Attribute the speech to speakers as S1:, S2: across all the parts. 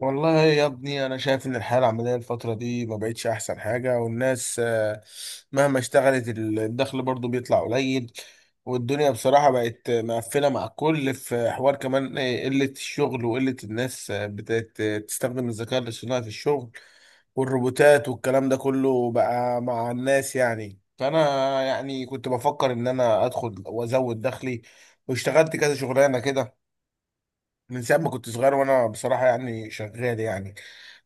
S1: والله يا ابني انا شايف ان الحياه العمليه الفتره دي ما بقتش احسن حاجه والناس، مهما اشتغلت الدخل برضو بيطلع قليل. والدنيا بصراحه بقت مقفله مع الكل في حوار كمان، قله الشغل وقله الناس، بتستخدم الذكاء الاصطناعي في الشغل والروبوتات والكلام ده كله بقى مع الناس يعني. فانا كنت بفكر ان انا ادخل وازود دخلي، واشتغلت كذا شغلانه كده من ساعة ما كنت صغير. وانا بصراحة يعني شغال يعني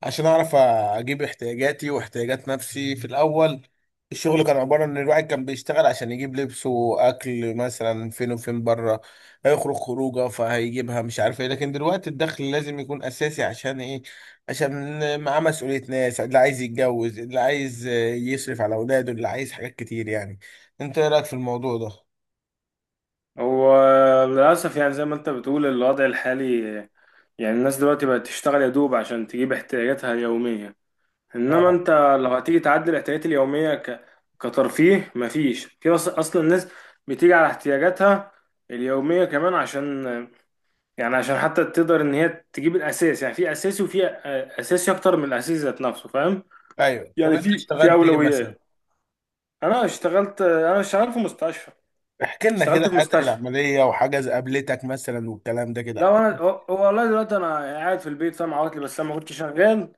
S1: عشان اعرف اجيب احتياجاتي واحتياجات نفسي في الاول. الشغل كان عبارة ان الواحد كان بيشتغل عشان يجيب لبس واكل مثلا، فين وفين بره هيخرج خروجه فهيجيبها مش عارف ايه. لكن دلوقتي الدخل لازم يكون اساسي، عشان ايه؟ عشان معاه مسؤولية ناس، اللي عايز يتجوز، اللي عايز يصرف على اولاده، اللي عايز حاجات كتير يعني. انت ايه رايك في الموضوع ده؟
S2: هو للأسف، يعني زي ما أنت بتقول الوضع الحالي. يعني الناس دلوقتي بقت تشتغل يا دوب عشان تجيب احتياجاتها اليومية، إنما
S1: آه.
S2: أنت لو هتيجي تعدل الاحتياجات اليومية كترفيه، مفيش. في أصلا الناس بتيجي على احتياجاتها اليومية كمان، عشان يعني عشان حتى تقدر إن هي تجيب الأساس. يعني في أساسي وفي أساسي أكتر من الأساسي ذات نفسه، فاهم؟
S1: ايوه، طب
S2: يعني
S1: انت
S2: في
S1: اشتغلت ايه مثلا؟
S2: أولويات. أنا شغال في مستشفى.
S1: احكي لنا كده
S2: اشتغلت في
S1: حياتك
S2: مستشفى.
S1: العملية وحاجة قابلتك مثلا والكلام ده، كده
S2: لا
S1: احكي
S2: انا
S1: لنا.
S2: هو هو، والله دلوقتي انا قاعد في البيت، فاهم؟ عواطلي، بس انا ما كنت شغال،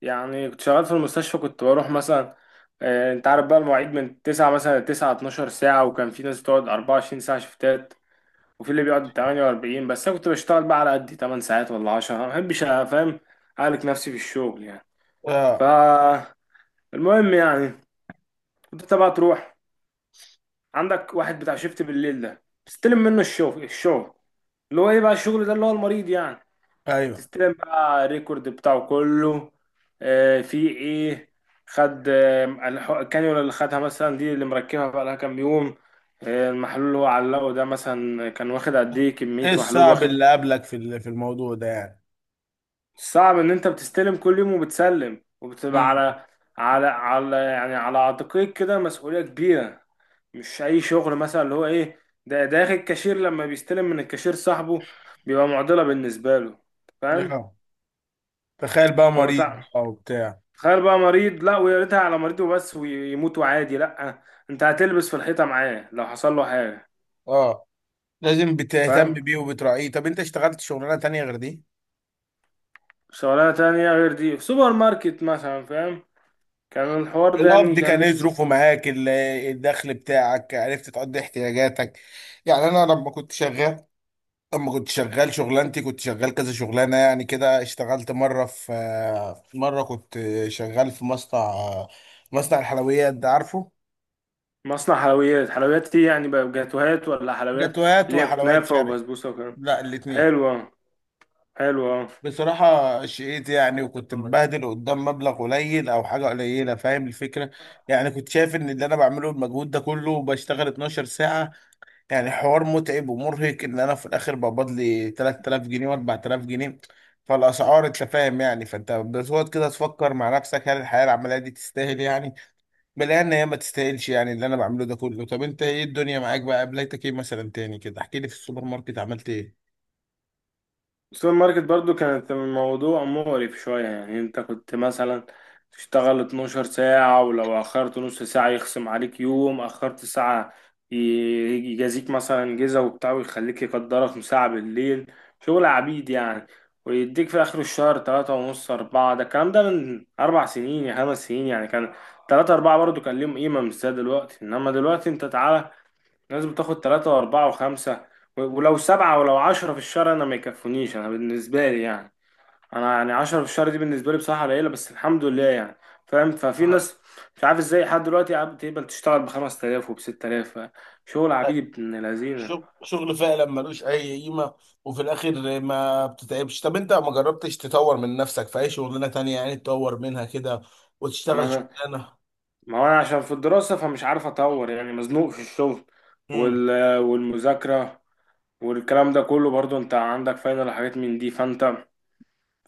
S2: يعني كنت شغال في المستشفى، كنت بروح مثلا. انت عارف بقى المواعيد من 9 مثلا، 9 12 ساعه، وكان في ناس بتقعد 24 ساعه شفتات، وفي اللي بيقعد 48، بس انا كنت بشتغل بقى على قد 8 ساعات ولا 10. ما بحبش، فاهم؟ اهلك نفسي في الشغل يعني.
S1: اه.
S2: فالمهم، يعني كنت انت بقى تروح عندك واحد بتاع شيفت بالليل ده، بتستلم منه الشغل اللي هو ايه بقى، الشغل ده اللي هو المريض يعني.
S1: ايوه،
S2: تستلم بقى الريكورد بتاعه كله، في ايه، خد، الكانيولا اللي خدها مثلا دي اللي مركبها بقى لها كام يوم، المحلول اللي هو علقه ده مثلا كان واخد قد ايه، كمية
S1: ايه
S2: محلول
S1: الصعب
S2: واخد.
S1: اللي قابلك في الموضوع ده يعني؟
S2: صعب ان انت بتستلم كل يوم وبتسلم، وبتبقى
S1: امم.
S2: على على يعني على عاتقك كده مسؤولية كبيرة. مش اي شغل، مثلا اللي هو ايه، ده داخل الكاشير لما بيستلم من الكاشير صاحبه بيبقى معضلة بالنسبة له، فاهم؟
S1: اه، تخيل بقى
S2: فما
S1: مريض
S2: تع-
S1: او بتاع.
S2: تخيل بقى مريض، لا ويا ريتها على مريض وبس ويموت وعادي، لا انت هتلبس في الحيطة معاه لو حصل له حاجة.
S1: اه، لازم بتهتم
S2: فاهم؟
S1: بيه وبتراعيه. طب انت اشتغلت شغلانة تانية غير دي؟
S2: شغلانة تانية غير دي في سوبر ماركت مثلا، فاهم؟ كان الحوار ده يعني
S1: القبض
S2: كان
S1: كان ايه
S2: لسه.
S1: ظروفه معاك؟ الدخل بتاعك عرفت تقضي احتياجاتك؟ يعني انا لما كنت شغال، اما كنت شغال شغلانتي كنت شغال كذا شغلانه يعني كده. اشتغلت مره في مره كنت شغال في مصنع، مصنع الحلويات ده عارفه.
S2: مصنع حلويات، حلويات دي يعني بقى جاتوهات ولا حلويات
S1: جاتوهات
S2: اللي هي
S1: وحلويات
S2: كنافة
S1: شرقي،
S2: وبسبوسة وكده؟
S1: لا الاتنين.
S2: حلوة حلوة.
S1: بصراحه شقيت يعني، وكنت مبهدل قدام مبلغ قليل او حاجه قليله، فاهم الفكره؟ يعني كنت شايف ان اللي انا بعمله المجهود ده كله، بشتغل 12 ساعه، يعني حوار متعب ومرهق، ان انا في الاخر بقبض لي 3000 جنيه و4000 جنيه. فالاسعار انت فاهم يعني. فانت بتقعد كده تفكر مع نفسك، هل الحياه العمليه دي تستاهل يعني؟ بلاقي ان هي ما تستاهلش يعني، اللي انا بعمله ده كله. طب انت ايه الدنيا معاك بقى؟ قابلتك ايه مثلا تاني كده؟ احكي لي، في السوبر ماركت عملت ايه؟
S2: السوبر ماركت برضو كانت الموضوع مقرف شوية، يعني انت كنت مثلا تشتغل 12 ساعة، ولو أخرت نص ساعة يخصم عليك يوم، أخرت ساعة ي- يجازيك مثلا جزا وبتاع، ويخليك يقدرك ساعة بالليل، شغل عبيد يعني. ويديك في آخر الشهر تلاتة ونص، أربعة. ده الكلام ده من 4 سنين يا 5 سنين يعني، كان تلاتة أربعة برضو كان ليهم قيمة مش زي دلوقتي. إنما دلوقتي أنت تعالى لازم تاخد تلاتة وأربعة وخمسة ولو سبعة ولو عشرة في الشهر، أنا ما يكفونيش، أنا بالنسبة لي يعني. أنا يعني عشرة في الشهر دي بالنسبة لي بصراحة قليلة، بس الحمد لله يعني. فاهم؟ ففي
S1: آه،
S2: ناس مش عارف ازاي لحد دلوقتي قاعد تقبل تشتغل ب5 تلاف وب6 تلاف، شغل عبيد ابن لذينة.
S1: شغل شغل فعلا ملوش اي قيمه، وفي الاخر ما بتتعبش. طب انت ما جربتش تطور من نفسك في اي شغلانه تانية، يعني تطور منها كده
S2: ما
S1: وتشتغل
S2: أنا
S1: شغلانه؟
S2: ما هو أنا عشان في الدراسة فمش عارف أطور، يعني مزنوق في الشغل
S1: مم.
S2: والمذاكرة والكلام ده كله، برضو أنت عندك فاينل وحاجات من دي، فأنت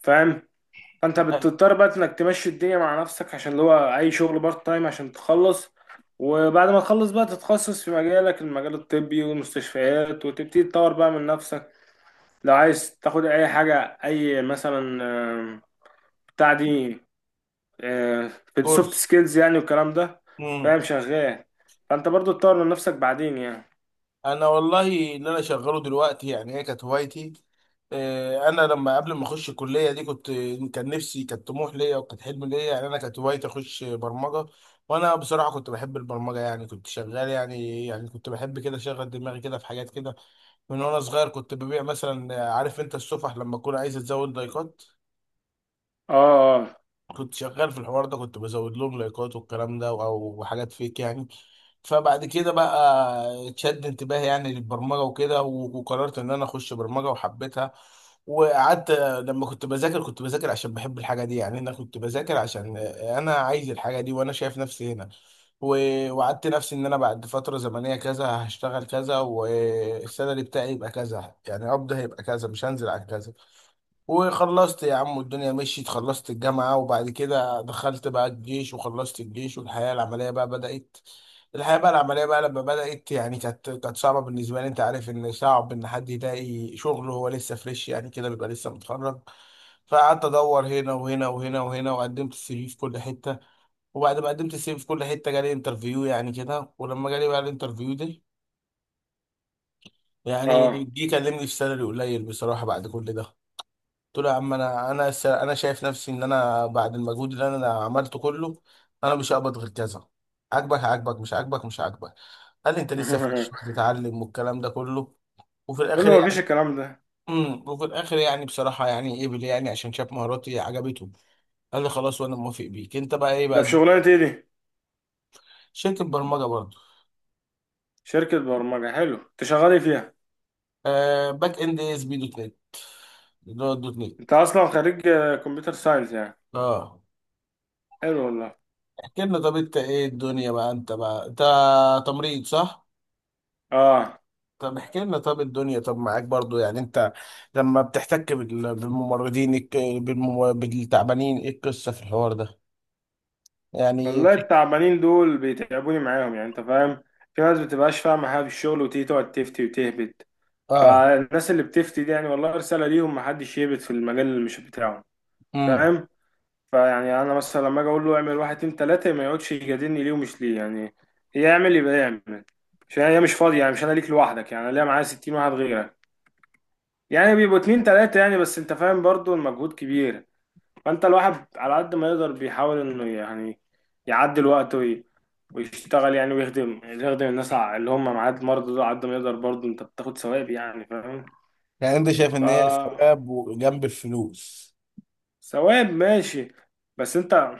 S2: فاهم. فانت
S1: آه،
S2: بتضطر بقى انك تمشي الدنيا مع نفسك، عشان اللي هو اي شغل بارت تايم عشان تخلص، وبعد ما تخلص بقى تتخصص في مجالك، المجال الطبي والمستشفيات، وتبتدي تطور بقى من نفسك. لو عايز تاخد اي حاجة، اي مثلا، آم، بتاع دي، في السوفت
S1: كورس.
S2: سكيلز يعني والكلام ده،
S1: مم.
S2: فاهم؟ شغال. فانت برضو تطور من نفسك بعدين يعني.
S1: انا والله اللي انا شغاله دلوقتي يعني هي كانت هوايتي. انا لما قبل ما اخش الكليه دي، كان نفسي، كان طموح ليا وكانت حلم ليا يعني. انا كانت هوايتي اخش برمجه، وانا بصراحه كنت بحب البرمجه يعني. كنت شغال يعني، كنت بحب كده اشغل دماغي كده في حاجات كده من وانا صغير. كنت ببيع مثلا، عارف انت السفح لما اكون عايز ازود لايكات؟
S2: اه،
S1: كنت شغال في الحوار ده، كنت بزود لهم لايكات والكلام ده او حاجات فيك يعني. فبعد كده بقى اتشد انتباهي يعني للبرمجه وكده. وقررت ان انا اخش برمجه وحبيتها. وقعدت لما كنت بذاكر، كنت بذاكر عشان بحب الحاجه دي يعني. انا كنت بذاكر عشان انا عايز الحاجه دي وانا شايف نفسي هنا. وعدت نفسي ان انا بعد فتره زمنيه كذا هشتغل كذا، والسالري بتاعي يبقى كذا، يعني قبض هيبقى كذا مش هنزل عن كذا. وخلصت يا عم، والدنيا مشيت. خلصت الجامعة وبعد كده دخلت بقى الجيش، وخلصت الجيش، والحياة العملية بقى بدأت. الحياة بقى العملية بقى لما بدأت، يعني كانت صعبة بالنسبة لي. أنت عارف إن صعب إن حد يلاقي شغل وهو لسه فريش يعني كده، بيبقى لسه متخرج. فقعدت أدور هنا وهنا وهنا وهنا، وقدمت السي في في كل حتة. وبعد ما قدمت السي في في كل حتة، جالي انترفيو يعني كده. ولما جالي بقى الانترفيو ده، يعني
S2: اه،
S1: جه كلمني في سالري قليل بصراحة بعد كل ده. قلت له يا عم، انا شايف نفسي ان انا بعد المجهود اللي انا عملته كله، انا مش هقبض غير كذا. عاجبك هعاجبك، مش عاجبك مش عاجبك. قال لي انت لسه في
S2: اه.
S1: الشغل تتعلم، والكلام ده كله. وفي
S2: قول
S1: الاخر
S2: له مفيش
S1: يعني،
S2: الكلام ده.
S1: امم، وفي الاخر يعني بصراحه، يعني قبل يعني، عشان شاف مهاراتي عجبته. قال لي خلاص وانا موافق. بيك انت بقى ايه
S2: ده في
S1: بقى؟
S2: شغلانة ايه دي؟
S1: شركه برمجه برضه.
S2: شركة برمجة، حلو، انت شغال إيه فيها؟
S1: آه، باك اند اس بي دوت نت، اللي هو الدوت
S2: انت
S1: نت.
S2: اصلا خريج كمبيوتر ساينس يعني؟
S1: اه.
S2: حلو والله.
S1: احكي لنا، طب انت ايه الدنيا بقى؟ انت بقى، انت تمريض صح؟
S2: اه.
S1: طب احكي لنا، طب الدنيا طب معاك برضو يعني. انت لما بتحتك بالتعبانين، ايه القصة في الحوار ده؟ يعني
S2: والله التعبانين دول بيتعبوني معاهم، يعني انت فاهم، في ناس بتبقاش فاهمه حاجه في الشغل وتيجي تقعد تفتي وتهبد.
S1: اه.
S2: فالناس اللي بتفتي دي يعني، والله رساله ليهم، محدش يهبد في المجال اللي مش بتاعه.
S1: امم.
S2: فاهم؟ فيعني انا مثلا لما اجي اقول له اعمل واحد اتنين تلاته، ما يقعدش يجادلني ليه ومش ليه يعني، يعمل يبقى يعمل. عشان هي مش فاضيه، يعني مش انا ليك لوحدك، يعني انا ليا معايا 60 واحد غيرك. يعني بيبقوا اتنين تلاته يعني، بس انت فاهم برضو المجهود كبير. فانت الواحد على قد ما يقدر بيحاول انه يعني يعدل وقته ويشتغل يعني، ويخدم الناس اللي هم معاه، المرضى دول على قد ما يقدر. برضه انت بتاخد ثواب يعني، فاهم؟
S1: يعني انت شايف ان هي
S2: ف
S1: ثواب وجنب الفلوس؟
S2: ثواب، ماشي. بس انت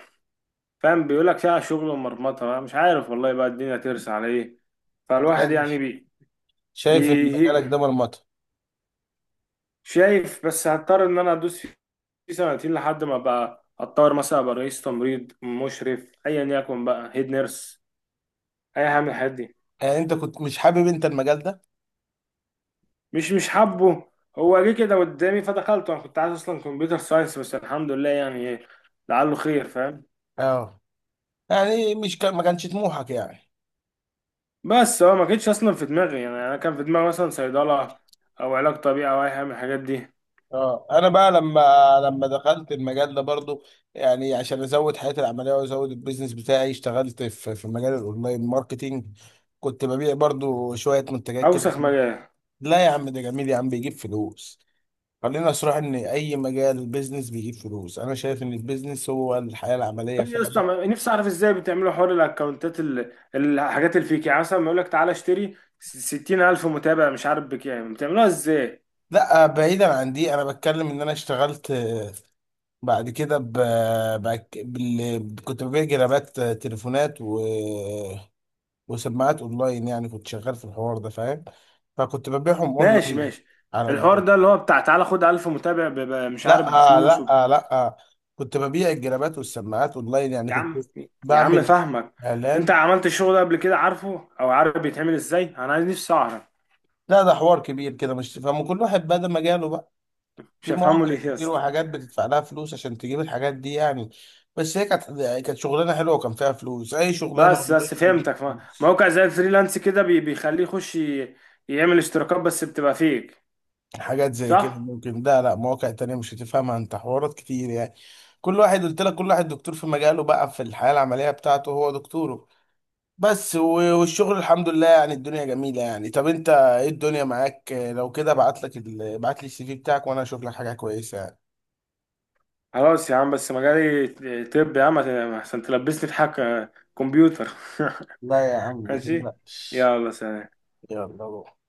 S2: فاهم، بيقولك فيها شغل ومرمطة بقى، مش عارف والله بقى الدنيا ترسى على ايه. فالواحد
S1: يعني انت
S2: يعني بي,
S1: شايف ان
S2: بي
S1: مجالك ده مرمطة؟
S2: شايف، بس هضطر ان انا ادوس فيه سنتين لحد ما بقى اتطور، مثلا ابقى رئيس تمريض، مشرف، ايا يكن بقى، هيد نيرس، اي حاجه من الحاجات دي.
S1: يعني انت كنت مش حابب انت المجال ده؟
S2: مش حابه. هو جه كده قدامي فدخلته، انا كنت عايز اصلا كمبيوتر ساينس، بس الحمد لله يعني، لعله خير، فاهم.
S1: اه. يعني مش كان، ما كانش طموحك يعني؟
S2: بس هو ما كانتش اصلا في دماغي، يعني انا كان في دماغي مثلا صيدله او علاج طبيعي او اي حاجه من الحاجات دي.
S1: اه. انا بقى لما دخلت المجال ده برضو، يعني عشان ازود حياتي العمليه وازود البيزنس بتاعي، اشتغلت في مجال الاونلاين ماركتينج. كنت ببيع برضو شويه منتجات كده.
S2: اوسخ مجال.
S1: لا يا عم، ده جميل يا عم، بيجيب فلوس. خلينا صراحة ان اي مجال بيزنس بيجيب فلوس. انا شايف ان البيزنس هو الحياه العمليه
S2: طب يا اسطى،
S1: فعلا.
S2: نفسي اعرف ازاي بتعملوا حوار الاكونتات، الحاجات الفيك يعني، مثلا بيقول لك تعالى اشتري 60000 متابع مش عارف بكام، بتعملوها ازاي؟
S1: لا، بعيدا عن دي، انا بتكلم ان انا اشتغلت، بعد كده كنت ببيع جرابات، تليفونات، وسماعات اونلاين يعني. كنت شغال في الحوار ده، فاهم؟ فكنت ببيعهم
S2: ماشي،
S1: اونلاين
S2: ماشي.
S1: على
S2: الحوار
S1: الجو.
S2: ده اللي هو بتاع تعالى خد 1000 متابع مش
S1: لا
S2: عارف بفلوس.
S1: لا لا، كنت ببيع الجرابات والسماعات اونلاين يعني،
S2: يا
S1: كنت
S2: عم، يا عم
S1: بعمل
S2: فاهمك. انت
S1: اعلان.
S2: عملت الشغل ده قبل كده عارفه، او عارف بيتعمل ازاي؟ انا عايز نفسي اعرف.
S1: لا، ده حوار كبير كده مش فاهم، كل واحد بقى ده مجاله بقى.
S2: مش
S1: في
S2: هفهمه
S1: مواقع
S2: ليه يا
S1: كتير
S2: اسطى؟
S1: وحاجات بتدفع لها فلوس عشان تجيب الحاجات دي يعني. بس هي كانت شغلانه حلوه وكان فيها فلوس. اي شغلانه
S2: بس
S1: اونلاين بتجيب
S2: فهمتك.
S1: فلوس.
S2: موقع زي الفريلانس كده بيخليه يخش يعمل اشتراكات، بس بتبقى فيك.
S1: حاجات زي كده
S2: صح.
S1: ممكن ده. لا، مواقع تانية مش هتفهمها انت، حوارات كتير يعني. كل واحد قلت لك، كل واحد دكتور في مجاله بقى، في الحياة العملية بتاعته هو دكتوره. بس والشغل الحمد لله يعني، الدنيا جميلة يعني. طب انت ايه الدنيا معاك؟ لو كده ابعت لك ابعت لي السي في بتاعك وانا اشوف لك حاجة كويسة يعني.
S2: خلاص يا عم، بس مجالي. طب يا عم، عشان تلبسني في حاجه، كمبيوتر.
S1: لا يا عم ما
S2: ماشي.
S1: تقلقش.
S2: يلا سلام.
S1: يلا روح.